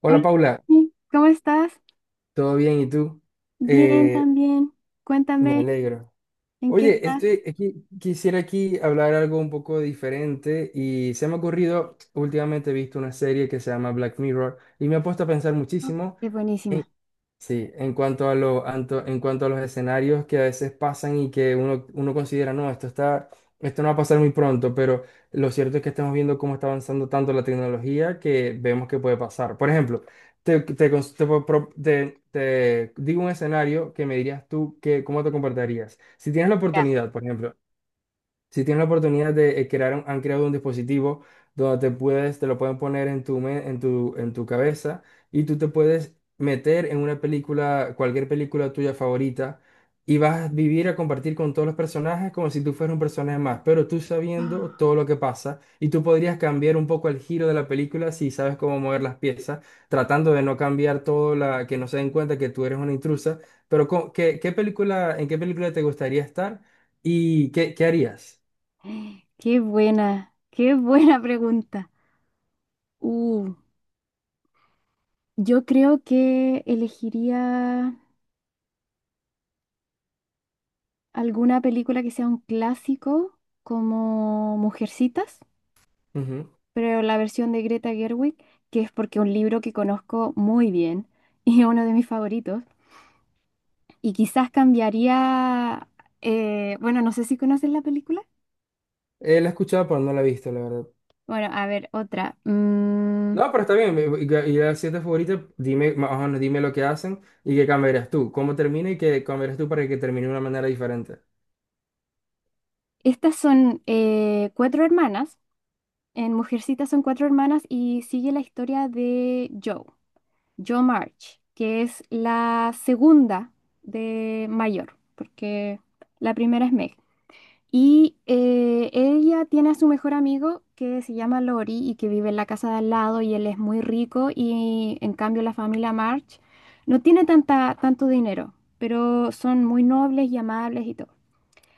Hola, Hola, Paula, Vicky, ¿cómo estás? ¿todo bien? ¿Y tú? Bien, Eh, también. Me Cuéntame, alegro. ¿en qué Oye, estás? estoy aquí, quisiera aquí hablar algo un poco diferente y se me ha ocurrido, últimamente he visto una serie que se llama Black Mirror y me ha puesto a pensar Ah, muchísimo. qué buenísima. Sí, en cuanto a lo, en cuanto a los escenarios que a veces pasan y que uno considera, no, esto está, esto no va a pasar muy pronto, pero lo cierto es que estamos viendo cómo está avanzando tanto la tecnología que vemos que puede pasar. Por ejemplo, te cons- te pro- pro- te- te digo un escenario que me dirías tú que, cómo te comportarías. Si tienes la Ya. oportunidad, por ejemplo, si tienes la oportunidad de crear, han creado un dispositivo donde te puedes, te lo pueden poner en tu, me- en tu cabeza y tú te puedes meter en una película, cualquier película tuya favorita y vas a vivir a compartir con todos los personajes como si tú fueras un personaje más, pero tú sabiendo Ah, todo lo que pasa y tú podrías cambiar un poco el giro de la película si sabes cómo mover las piezas, tratando de no cambiar todo la, que no se den cuenta que tú eres una intrusa, pero ¿qué, qué película, en qué película te gustaría estar y qué, qué harías? qué buena, qué buena pregunta. Uh, yo creo que elegiría alguna película que sea un clásico como Mujercitas, Ujú. pero la versión de Greta Gerwig, que es porque un libro que conozco muy bien y es uno de mis favoritos. Y quizás cambiaría, bueno, no sé si conoces la película. La he escuchado, pero no la he visto, la verdad. Bueno, a ver, otra. No, pero está bien. Y la siete favorita, dime, más o menos, dime lo que hacen y qué cambiarías tú. ¿Cómo termina y qué cambiarías tú para que termine de una manera diferente? Estas son cuatro hermanas. En Mujercitas son cuatro hermanas y sigue la historia de Joe, Joe March, que es la segunda de mayor, porque la primera es Meg. Y ella tiene a su mejor amigo que se llama Lori y que vive en la casa de al lado y él es muy rico y en cambio la familia March no tiene tanta, tanto dinero, pero son muy nobles y amables y todo.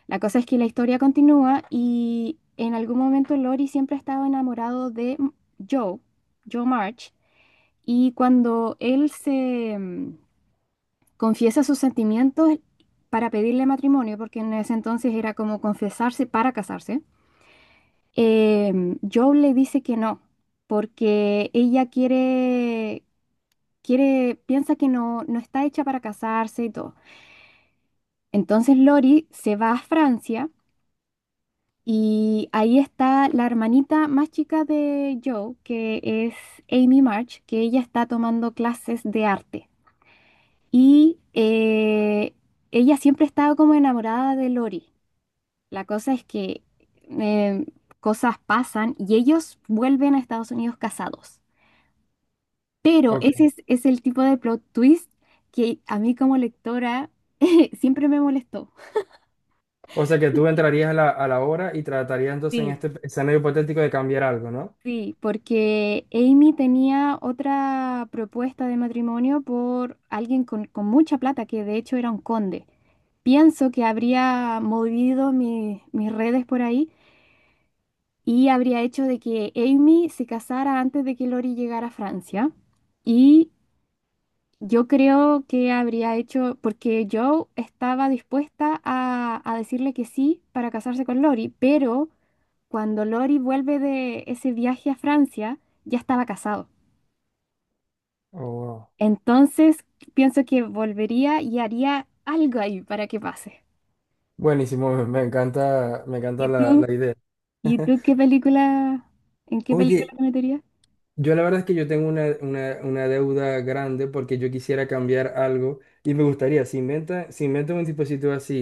La cosa es que la historia continúa y en algún momento Lori siempre ha estado enamorado de Joe, Joe March, y cuando él se confiesa sus sentimientos para pedirle matrimonio, porque en ese entonces era como confesarse para casarse, Joe le dice que no, porque ella quiere, quiere, piensa que no, no está hecha para casarse y todo. Entonces Lori se va a Francia. Y ahí está la hermanita más chica de Joe, que es Amy March, que ella está tomando clases de arte. Y ella siempre estaba como enamorada de Lori. La cosa es que eh, cosas pasan y ellos vuelven a Estados Unidos casados. Pero Ok. ese es el tipo de plot twist que a mí como lectora siempre me molestó. O sea que tú entrarías a la obra y tratarías entonces en Sí, este escenario hipotético de cambiar algo, ¿no? sí, porque Amy tenía otra propuesta de matrimonio por alguien con mucha plata, que de hecho era un conde. Pienso que habría movido mis redes por ahí y habría hecho de que Amy se casara antes de que Lori llegara a Francia. Y yo creo que habría hecho, porque yo estaba dispuesta a decirle que sí para casarse con Lori, pero cuando Lori vuelve de ese viaje a Francia, ya estaba casado. Oh, wow. Entonces, pienso que volvería y haría algo ahí para que pase. Buenísimo, me encanta, me encanta ¿Y la, tú? la idea. ¿Y tú qué película, en qué película Oye, te meterías? yo la verdad es que yo tengo una, una deuda grande porque yo quisiera cambiar algo y me gustaría, si inventa si inventan un dispositivo así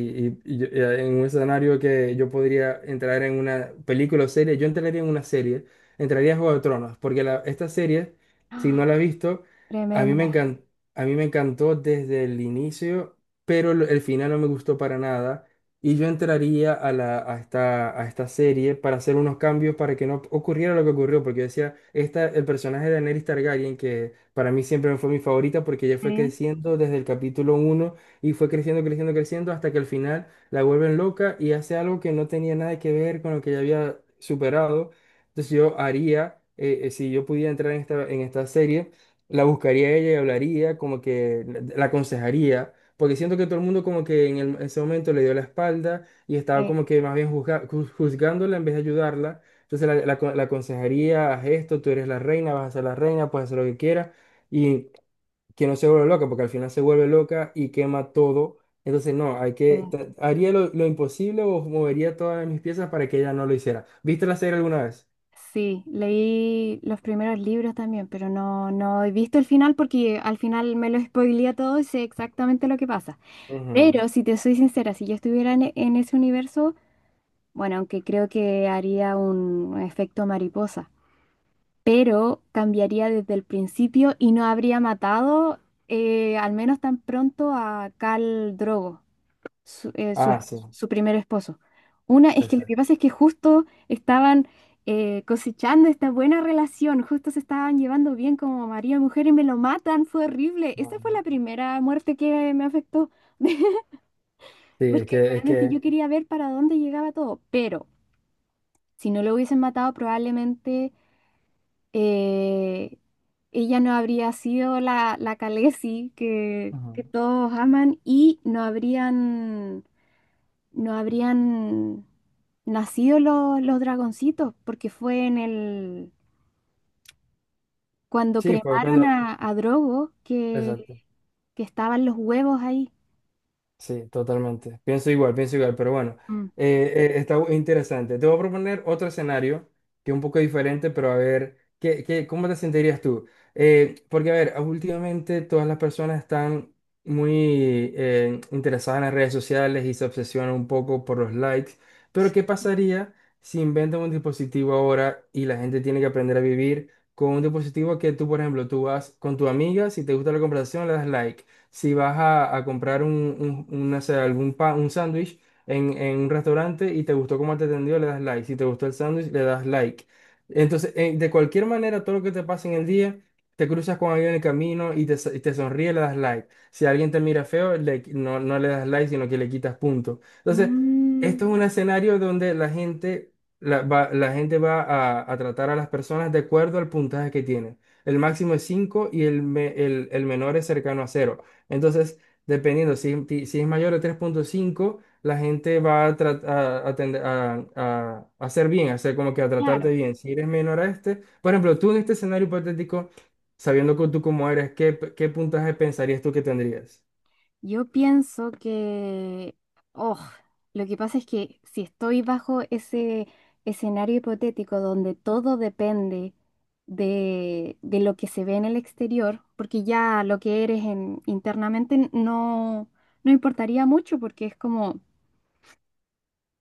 y, en un escenario que yo podría entrar en una película o serie, yo entraría en una serie, entraría a Juego de Tronos, porque esta serie, si no ¡Ah! la has visto, a mí me Tremenda. encan- a mí me encantó desde el inicio, pero el final no me gustó para nada y yo entraría a, la, a esta serie para hacer unos cambios para que no ocurriera lo que ocurrió, porque yo decía, esta, el personaje de Daenerys Targaryen, que para mí siempre fue mi favorita, porque ella fue Sí, creciendo desde el capítulo uno y fue creciendo, hasta que al final la vuelven loca y hace algo que no tenía nada que ver con lo que ella había superado. Entonces yo haría, si yo pudiera entrar en esta serie, la buscaría a ella y hablaría, como que la aconsejaría porque siento que todo el mundo como que en, ese momento le dio la espalda y estaba sí, como que más bien juzgándola en vez de ayudarla. Entonces la, la aconsejaría, haz esto, tú eres la reina, vas a ser la reina, puedes hacer lo que quieras. Y que no se vuelva loca, porque al final se vuelve loca y quema todo. Entonces no, hay que, sí. Haría lo imposible o movería todas mis piezas para que ella no lo hiciera. ¿Viste la serie alguna vez? Sí, leí los primeros libros también, pero no, no he visto el final porque al final me lo spoileé todo y sé exactamente lo que pasa. Ujú. Pero si te soy sincera, si yo estuviera en ese universo, bueno, aunque creo que haría un efecto mariposa. Pero cambiaría desde el principio y no habría matado al menos tan pronto a Khal Drogo, su, eh, su, Ah, es- sí, su primer esposo. Una es que lo que exacto. pasa es que justo estaban cosechando esta buena relación, justo se estaban llevando bien como marido y mujer y me lo matan, fue horrible. Esa fue Ujú. la primera muerte que me afectó, Sí, porque es realmente yo que, quería ver para dónde llegaba todo, pero si no lo hubiesen matado probablemente eh, ella no habría sido la, la Khaleesi que ujú. todos aman y no habrían, no habrían nacido los dragoncitos, porque fue en el, cuando Sí, fue cremaron cuando, a Drogo exacto. que estaban los huevos ahí. Sí, totalmente. Pienso igual, pero bueno, Mm. Interesante. Te voy a proponer otro escenario que es un poco diferente, pero a ver, ¿qué, qué, cómo te sentirías tú? Porque, a ver, últimamente todas las personas están muy interesadas en las redes sociales y se obsesionan un poco por los likes, pero ¿qué Sí. pasaría si inventan un dispositivo ahora y la gente tiene que aprender a vivir con un dispositivo que tú, por ejemplo, tú vas con tu amiga, si te gusta la conversación, le das like. Si vas a comprar un, no sé, algún pan, un sándwich en un restaurante y te gustó cómo te atendió, le das like. Si te gustó el sándwich, le das like. Entonces, de cualquier manera, todo lo que te pasa en el día, te cruzas con alguien en el camino y te, y te sonríe, le das like. Si alguien te mira feo, no, no le das like, sino que le quitas puntos. Entonces, esto es Mm. un escenario donde la gente... la gente va a tratar a las personas de acuerdo al puntaje que tienen. El máximo es 5 y el menor es cercano a cero, entonces, dependiendo, si, si es mayor de tres punto cinco la gente va a, a hacer bien, a hacer como que a tratarte Claro. bien. Si eres menor a este, por ejemplo, tú en este escenario hipotético, sabiendo que tú cómo eres, ¿qué, qué puntaje pensarías tú que tendrías? Yo pienso que, oh, lo que pasa es que si estoy bajo ese escenario hipotético donde todo depende de lo que se ve en el exterior, porque ya lo que eres internamente no, no importaría mucho, porque es como,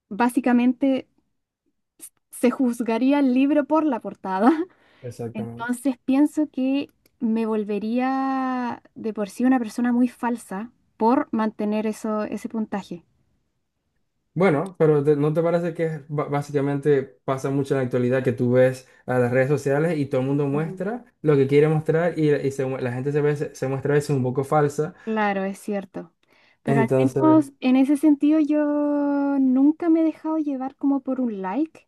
básicamente se juzgaría el libro por la portada. Exactamente. Entonces pienso que me volvería de por sí una persona muy falsa por mantener eso, ese puntaje. Bueno, pero ¿no te parece que es básicamente pasa mucho en la actualidad que tú ves a las redes sociales y todo el mundo Mm, muestra lo que quiere mostrar y se la gente se, ve, se muestra a veces un poco falsa? Claro, es cierto. Pero al Entonces, menos en ese sentido yo nunca me he dejado llevar como por un like,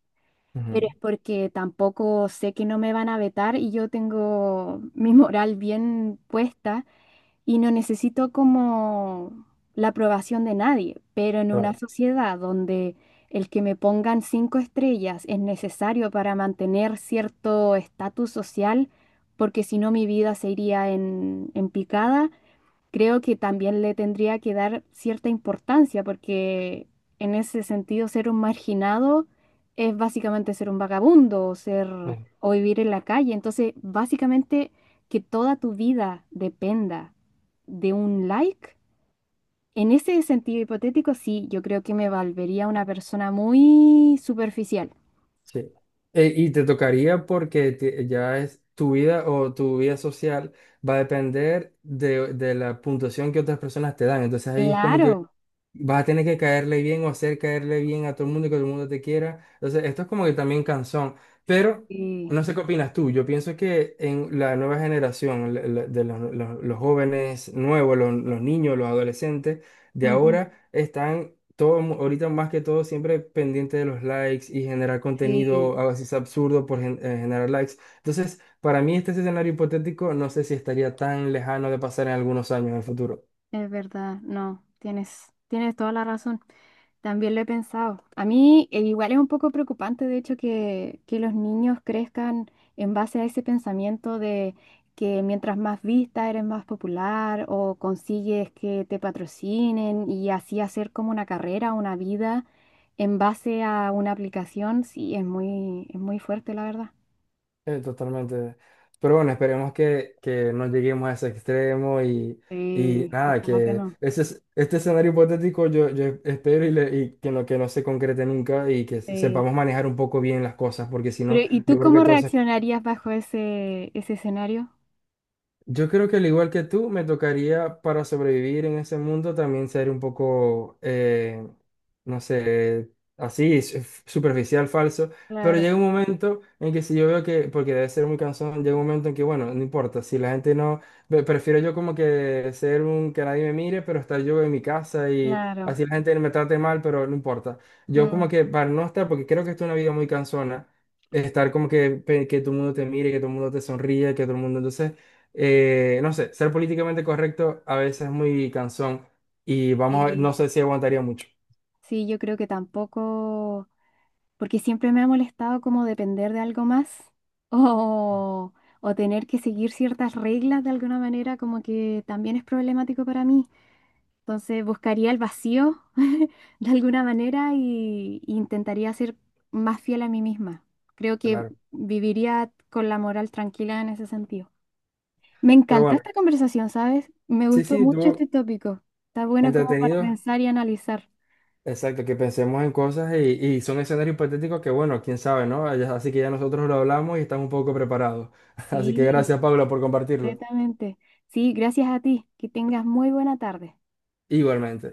pero ujú, es porque tampoco sé que no me van a vetar y yo tengo mi moral bien puesta y no necesito como la aprobación de nadie. Pero en una claro. sociedad donde el que me pongan cinco estrellas es necesario para mantener cierto estatus social, porque si no mi vida se iría en picada. Creo que también le tendría que dar cierta importancia, porque en ese sentido ser un marginado es básicamente ser un vagabundo o ser o vivir en la calle. Entonces, básicamente que toda tu vida dependa de un like, en ese sentido hipotético, sí, yo creo que me volvería una persona muy superficial. Sí. Y te tocaría porque ya es tu vida o tu vida social va a depender de la puntuación que otras personas te dan. Entonces ahí es como que Claro. vas a tener que caerle bien o hacer caerle bien a todo el mundo y que todo el mundo te quiera. Entonces, esto es como que también cansón. Pero Sí. no sé qué opinas tú. Yo pienso que en la nueva generación, de los, los jóvenes nuevos, los niños, los adolescentes de Ujú. ahora, están todos, ahorita más que todo, siempre pendientes de los likes y generar Sí. contenido a veces absurdo por generar likes. Entonces, para mí, este escenario hipotético no sé si estaría tan lejano de pasar en algunos años en el futuro. Es verdad, no, tienes, tienes toda la razón. También lo he pensado. A mí igual es un poco preocupante, de hecho, que los niños crezcan en base a ese pensamiento de que mientras más vista eres más popular o consigues que te patrocinen y así hacer como una carrera, una vida en base a una aplicación, sí, es muy fuerte, la verdad. Totalmente. Pero bueno, esperemos que no lleguemos a ese extremo y Sí, nada, ojalá que que no. ese, este escenario hipotético yo, yo espero y, y que no se concrete nunca y que Sí. sepamos manejar un poco bien las cosas, porque si Pero, no, ¿y tú yo creo que cómo todas esas. reaccionarías bajo ese, ese escenario? Yo creo que al igual que tú, me tocaría para sobrevivir en ese mundo también ser un poco, no sé, así, superficial, falso. Pero Claro, llega un momento en que si yo veo que, porque debe ser muy cansón, llega un momento en que, bueno, no importa, si la gente no, prefiero yo como que ser un que nadie me mire, pero estar yo en mi casa y claro. así la gente me trate mal, pero no importa. Yo como Mm, que para no estar, porque creo que esto es una vida muy cansona, estar como que, que todo el mundo te mire, que todo el mundo te sonríe, que todo el mundo, entonces no sé, ser políticamente correcto a veces es muy cansón y vamos a ver, no sí, sé si aguantaría mucho, sí, yo creo que tampoco, porque siempre me ha molestado como depender de algo más o, o tener que seguir ciertas reglas de alguna manera, como que también es problemático para mí. Entonces buscaría el vacío de alguna manera y intentaría ser más fiel a mí misma. Creo que claro. viviría con la moral tranquila en ese sentido. Me Pero encanta bueno, esta conversación, ¿sabes? Me sí, gustó sí, mucho este tú, tópico. Está bueno como para entretenido, pensar y analizar. exacto, que pensemos en cosas y son escenarios hipotéticos que, bueno, quién sabe, ¿no? Ya- Así que ya nosotros lo hablamos y estamos un poco preparados. Así que Sí, gracias, Paula, por compartirlo. completamente. Sí, gracias a ti. Que tengas muy buena tarde. Igualmente.